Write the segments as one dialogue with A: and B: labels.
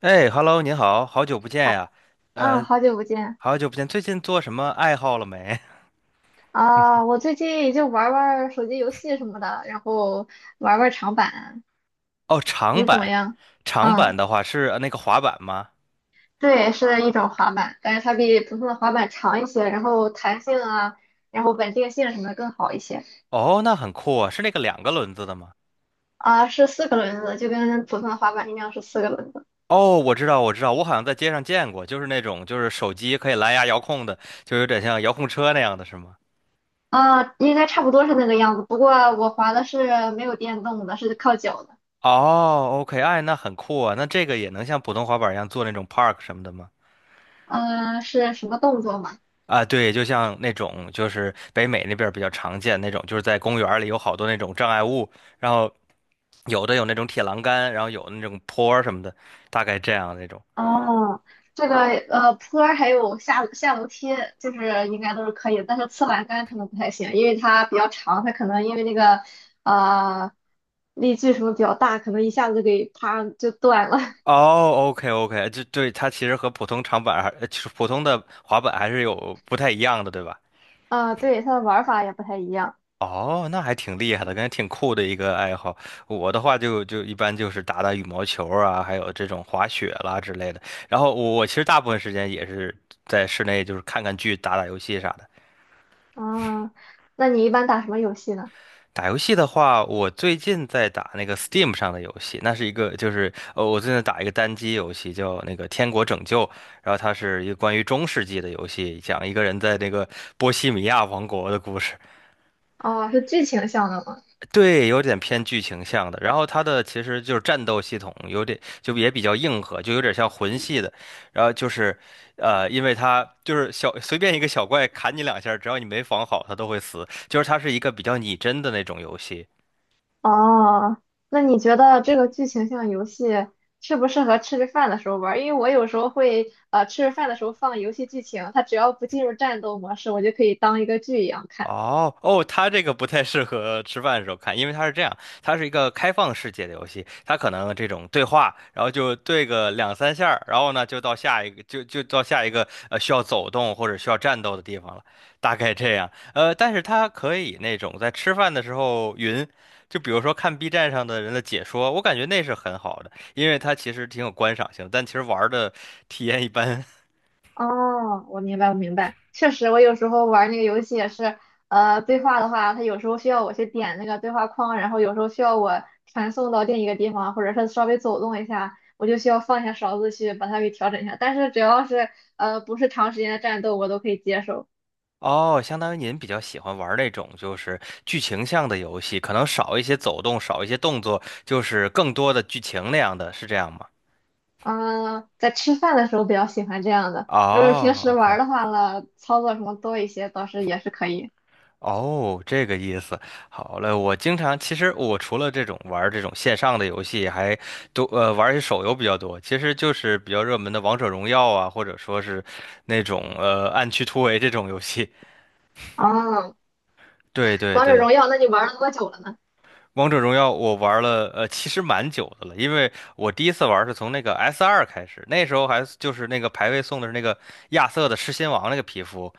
A: 哎，Hello，您好，好久不见
B: 好，
A: 呀，
B: 嗯，
A: 呃，
B: 好久不见
A: 好久不见，最近做什么爱好了没？
B: 啊！我最近也就玩儿玩儿手机游戏什么的，然后玩儿玩儿长板，
A: 哦，长
B: 你怎么
A: 板，
B: 样？
A: 长
B: 嗯，
A: 板的话是那个滑板吗？
B: 对，是一种滑板，但是它比普通的滑板长一些，然后弹性啊，然后稳定性什么的更好一些
A: 哦，那很酷啊，是那个两个轮子的吗？
B: 啊。是四个轮子，就跟普通的滑板一样是四个轮子
A: 哦，我知道，我知道，我好像在街上见过，就是那种就是手机可以蓝牙遥控的，就有点像遥控车那样的是吗？
B: 啊，应该差不多是那个样子。不过我滑的是没有电动的，是靠脚的。
A: 哦，OK，哎，那很酷啊，那这个也能像普通滑板一样做那种 park 什么的吗？
B: 嗯、是什么动作吗？
A: 啊，对，就像那种就是北美那边儿比较常见那种，就是在公园儿里有好多那种障碍物。然后有的有那种铁栏杆，然后有那种坡儿什么的，大概这样那种。
B: 哦，这个坡儿还有下楼梯，就是应该都是可以的但是侧栏杆可能不太行，因为它比较长，它可能因为那个呃力矩什么比较大，可能一下子给啪就断了。
A: 哦，OK OK，就对它其实和普通长板还，就是普通的滑板还是有不太一样的，对吧？
B: 啊、对，它的玩儿法也不太一样。
A: 哦，那还挺厉害的，感觉挺酷的一个爱好。我的话就一般就是打打羽毛球啊，还有这种滑雪啦之类的。然后我其实大部分时间也是在室内，就是看看剧、打打游戏啥的。
B: 啊、那你一般打什么游戏呢？
A: 打游戏的话，我最近在打那个 Steam 上的游戏，那是一个就是我最近打一个单机游戏叫那个《天国拯救》，然后它是一个关于中世纪的游戏，讲一个人在那个波西米亚王国的故事，
B: 哦，是剧情向的吗？
A: 对，有点偏剧情向的。然后它的其实就是战斗系统有点就也比较硬核，就有点像魂系的。然后就是因为它就是小随便一个小怪砍你两下，只要你没防好，它都会死。就是它是一个比较拟真的那种游戏。
B: 哦，那你觉得这个剧情像游戏适不适合吃着饭的时候玩儿？因为我有时候会吃着饭的时候放游戏剧情，它只要不进入战斗模式，我就可以当一个剧一样看。
A: 哦哦，它这个不太适合吃饭的时候看，因为它是这样，它是一个开放世界的游戏，它可能这种对话，然后就对个两三下儿然后呢就到下一个，就到下一个需要走动或者需要战斗的地方了，大概这样。但是它可以那种在吃饭的时候云，就比如说看 B 站上的人的解说，我感觉那是很好的，因为它其实挺有观赏性的但其实玩儿的体验一般。
B: 哦，我明白，我明白，确实，我有时候玩那个游戏也是，对话的话，它有时候需要我去点那个对话框，然后有时候需要我传送到另一个地方，或者是稍微走动一下，我就需要放下勺子去把它给调整一下。但是只要是不是长时间的战斗，我都可以接受。
A: 哦，相当于您比较喜欢玩那种就是剧情向的游戏，可能少一些走动，少一些动作，就是更多的剧情那样的，是这样吗？
B: 嗯，在吃饭的时候比较喜欢这样的。如果平
A: 哦
B: 时玩儿
A: ，OK，
B: 的话呢，操作什么多一些，倒是也是可以。
A: 哦，这个意思。好嘞，我经常其实我除了这种玩儿这种线上的游戏，还多玩儿一些手游比较多。其实就是比较热门的王者荣耀啊，或者说是那种暗区突围这种游戏。
B: 哦，
A: 对对
B: 王者
A: 对。
B: 荣耀，那你玩了多久了呢？
A: 王者荣耀我玩了，其实蛮久的了，因为我第一次玩是从那个 S2开始，那时候还是就是那个排位送的是那个亚瑟的狮心王那个皮肤，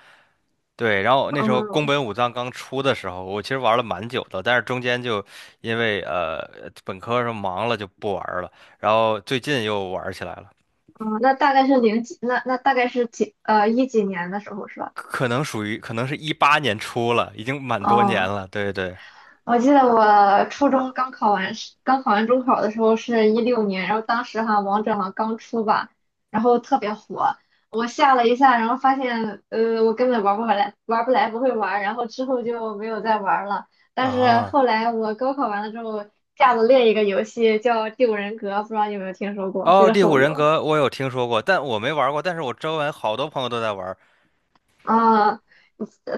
A: 对，然后那时候宫
B: 嗯
A: 本武藏刚出的时候，我其实玩了蛮久的，但是中间就因为本科上忙了就不玩了，然后最近又玩起来了，
B: 嗯，那大概是零几，那大概是几一几年的时候是吧？
A: 可能属于可能是18年出了，已经蛮多年
B: 哦，
A: 了，对对。
B: 我记得我初中刚考完试，刚考完中考的时候是16年，然后当时哈王者好像刚出吧，然后特别火，我下了一下，然后发现我根本玩不回来，玩不来不会玩，然后之后就没有再玩了。但是
A: 啊，
B: 后来我高考完了之后下了另一个游戏叫《第五人格》，不知道你有没有听说过，是
A: 哦，
B: 一个
A: 《第五
B: 手
A: 人
B: 游
A: 格》我有听说过，但我没玩过。但是我周围好多朋友都在玩，
B: 啊。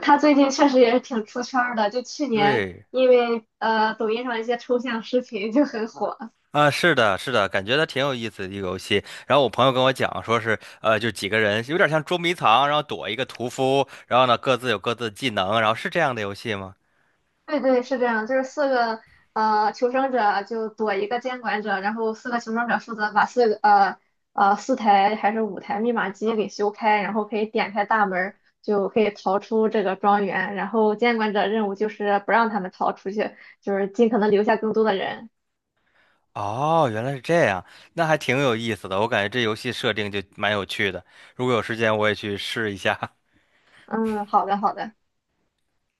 B: 他最近确实也是挺出圈儿的，就去年
A: 对，
B: 因为抖音上一些抽象视频就很火。
A: 啊，是的，是的，感觉它挺有意思的一个游戏。然后我朋友跟我讲，说是，就几个人有点像捉迷藏，然后躲一个屠夫，然后呢各自有各自的技能，然后是这样的游戏吗？
B: 对对，是这样，就是四个求生者就躲一个监管者，然后四个求生者负责把4台还是5台密码机给修开，然后可以点开大门儿，就可以逃出这个庄园。然后监管者任务就是不让他们逃出去，就是尽可能留下更多的人。
A: 哦，原来是这样，那还挺有意思的。我感觉这游戏设定就蛮有趣的，如果有时间我也去试一下。
B: 嗯，好的好的。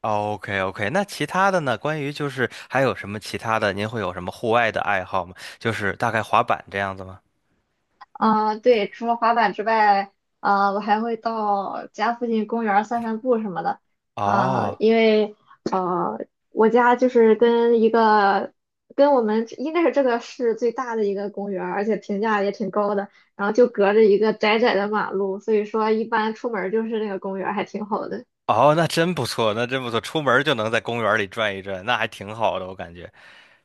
A: OK OK，那其他的呢？关于就是还有什么其他的？您会有什么户外的爱好吗？就是大概滑板这样子吗？
B: 啊、对，除了滑板之外，啊、我还会到家附近公园儿散散步什么的。啊、
A: 哦。
B: 因为啊，我家就是跟一个跟我们应该是这个市最大的一个公园儿，而且评价也挺高的。然后就隔着一个窄窄的马路，所以说一般出门儿就是那个公园儿，还挺好的。
A: 哦，那真不错，那真不错，出门就能在公园里转一转，那还挺好的，我感觉。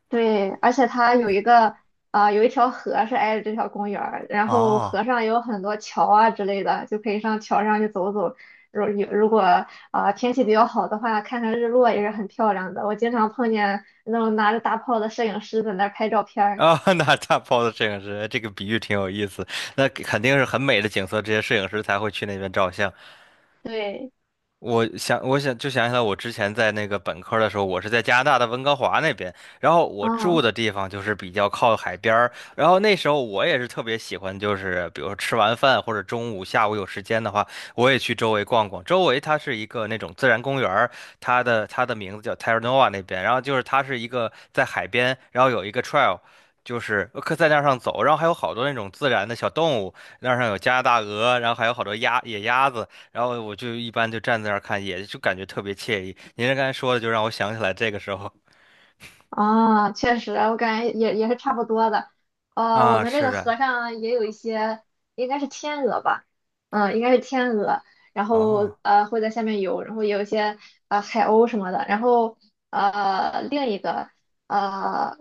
B: 对，而且它有一条河是挨着这条公园儿，然后河
A: 哦，
B: 上有很多桥啊之类的，就可以上桥上去走走。如果天气比较好的话，看看日落也是很漂亮的。我经常碰见那种拿着大炮的摄影师在那儿拍照片儿。
A: 啊、那大炮的摄影师，这个比喻挺有意思。那肯定是很美的景色，这些摄影师才会去那边照相。
B: 对，
A: 我想，我想就想起来，我之前在那个本科的时候，我是在加拿大的温哥华那边，然后我住
B: 嗯。
A: 的地方就是比较靠海边儿，然后那时候我也是特别喜欢，就是比如说吃完饭或者中午、下午有时间的话，我也去周围逛逛。周围它是一个那种自然公园儿它的名字叫 Terra Nova 那边，然后就是它是一个在海边，然后有一个 trail。就是可在那儿上走，然后还有好多那种自然的小动物，那儿上有加拿大鹅，然后还有好多野鸭子，然后我就一般就站在那儿看，也就感觉特别惬意。您这刚才说的，就让我想起来这个时候
B: 啊，确实，我感觉也是差不多的。我
A: 啊，
B: 们这
A: 是
B: 个
A: 的，
B: 河上也有一些，应该是天鹅吧，嗯，应该是天鹅，然后
A: 哦，
B: 会在下面游，然后也有一些海鸥什么的，然后另一个呃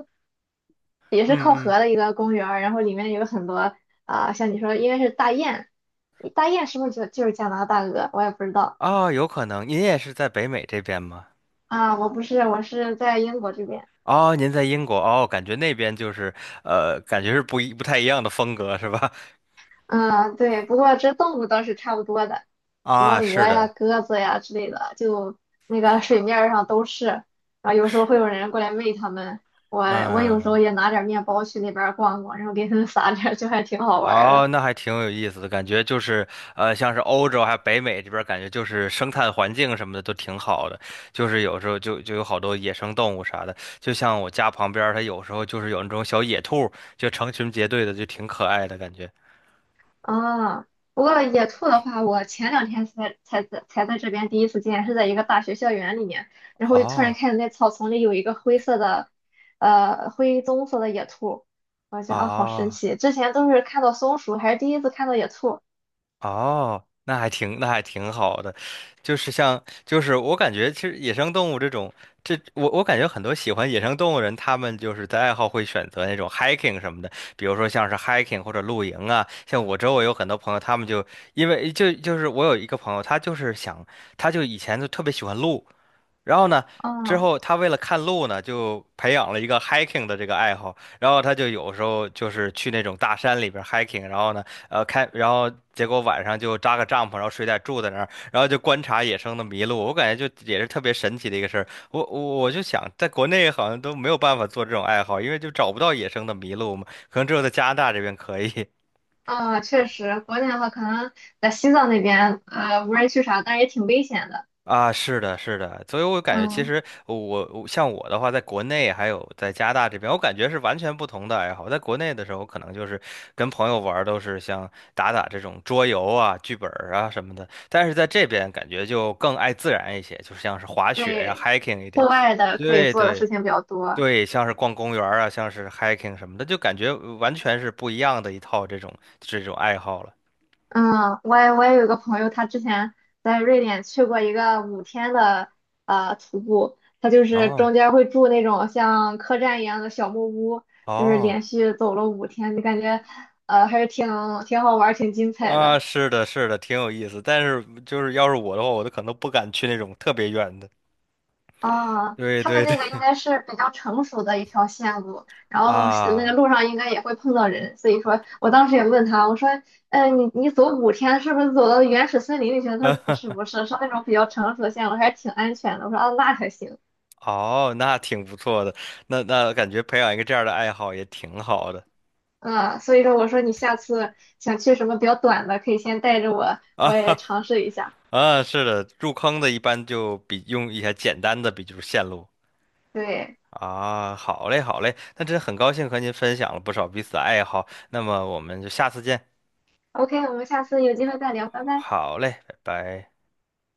B: 也是
A: 嗯
B: 靠
A: 嗯，
B: 河的一个公园儿，然后里面有很多像你说应该是大雁，大雁是不是就是加拿大鹅？我也不知道。
A: 哦，有可能您也是在北美这边吗？
B: 啊，我不是，我是在英国这边。
A: 哦，您在英国哦，感觉那边就是感觉是不太一样的风格是吧？
B: 嗯，对，不过这动物倒是差不多的，什么
A: 啊，
B: 鹅
A: 是
B: 呀、
A: 的，
B: 鸽子呀之类的，就那个水面儿上都是。然后有时候会有人过来喂它们，我我有时候
A: 嗯。
B: 也拿点儿面包去那边儿逛逛，然后给它们撒点儿，就还挺好玩儿
A: 哦，
B: 的。
A: 那还挺有意思的，感觉就是，像是欧洲还有北美这边儿感觉就是生态环境什么的都挺好的，就是有时候就有好多野生动物啥的，就像我家旁边儿它有时候就是有那种小野兔就成群结队的，就挺可爱的感觉。
B: 啊，不过野兔的话，我前2天才在这边第一次见，是在一个大学校园里面，然后就突然
A: 哦，
B: 看见那草丛里有一个灰色的，灰棕色的野兔，我觉得啊，好神
A: 哦。
B: 奇！之前都是看到松鼠，还是第一次看到野兔。
A: 哦，那还挺好的，就是像，就是我感觉，其实野生动物这种，这我感觉很多喜欢野生动物人，他们就是在爱好会选择那种 hiking 什么的，比如说像是 hiking 或者露营啊。像我周围有很多朋友，他们就因为就是我有一个朋友，他就是想，他就以前就特别喜欢露，然后呢，之
B: 嗯。
A: 后他为了看路呢，就培养了一个 hiking 的这个爱好。然后他就有时候就是去那种大山里边儿 hiking，然后呢，然后结果晚上就扎个帐篷，然后睡袋住在那儿，然后就观察野生的麋鹿。我感觉就也是特别神奇的一个事儿。我就想，在国内好像都没有办法做这种爱好，因为就找不到野生的麋鹿嘛，可能只有在加拿大这边可以。
B: 啊，确实，国内的话可能在西藏那边，无人区啥，但是也挺危险的。
A: 啊，是的，是的，所以我感觉其
B: 嗯，
A: 实我像我的话，在国内还有在加拿大这边，我感觉是完全不同的爱好。在国内的时候，可能就是跟朋友玩儿都是像打打这种桌游啊、剧本儿啊什么的，但是在这边感觉就更爱自然一些，就像是滑雪呀、
B: 对，
A: hiking 一
B: 户
A: 点。
B: 外的可以
A: 对
B: 做的
A: 对
B: 事情比较多。
A: 对，像是逛公园儿啊，像是 hiking 什么的，就感觉完全是不一样的一套这种爱好了。
B: 嗯，我也有一个朋友，他之前在瑞典去过一个五天的徒步，他就是中
A: 哦
B: 间会住那种像客栈一样的小木屋，就是
A: 哦。
B: 连续走了五天，就感觉还是挺好玩儿，挺精彩
A: 啊，
B: 的。
A: 是的，是的，挺有意思。但是就是要是我的话，我都可能不敢去那种特别远的。
B: 啊，
A: 对
B: 他们
A: 对
B: 那
A: 对，
B: 个应该是比较成熟的一条线路，然后是那个
A: 啊，
B: 路上应该也会碰到人，所以说我当时也问他，我说，嗯，你走五天是不是走到原始森林里去了？他说不
A: 嗯，
B: 是不是，是那种比较成熟的线路，还挺安全的。我说啊，那还行。
A: 哦，那挺不错的。那感觉培养一个这样的爱好也挺好的
B: 嗯，所以说我说你下次想去什么比较短的，可以先带着我，我
A: 啊
B: 也 尝试一下。
A: 啊，是的，入坑的一般就比用一些简单的，比如线路
B: 对
A: 啊。好嘞，好嘞，那真的很高兴和您分享了不少彼此的爱好。那么我们就下次见。
B: ，OK，我们下次有机会再聊，拜拜。
A: 好嘞，拜拜。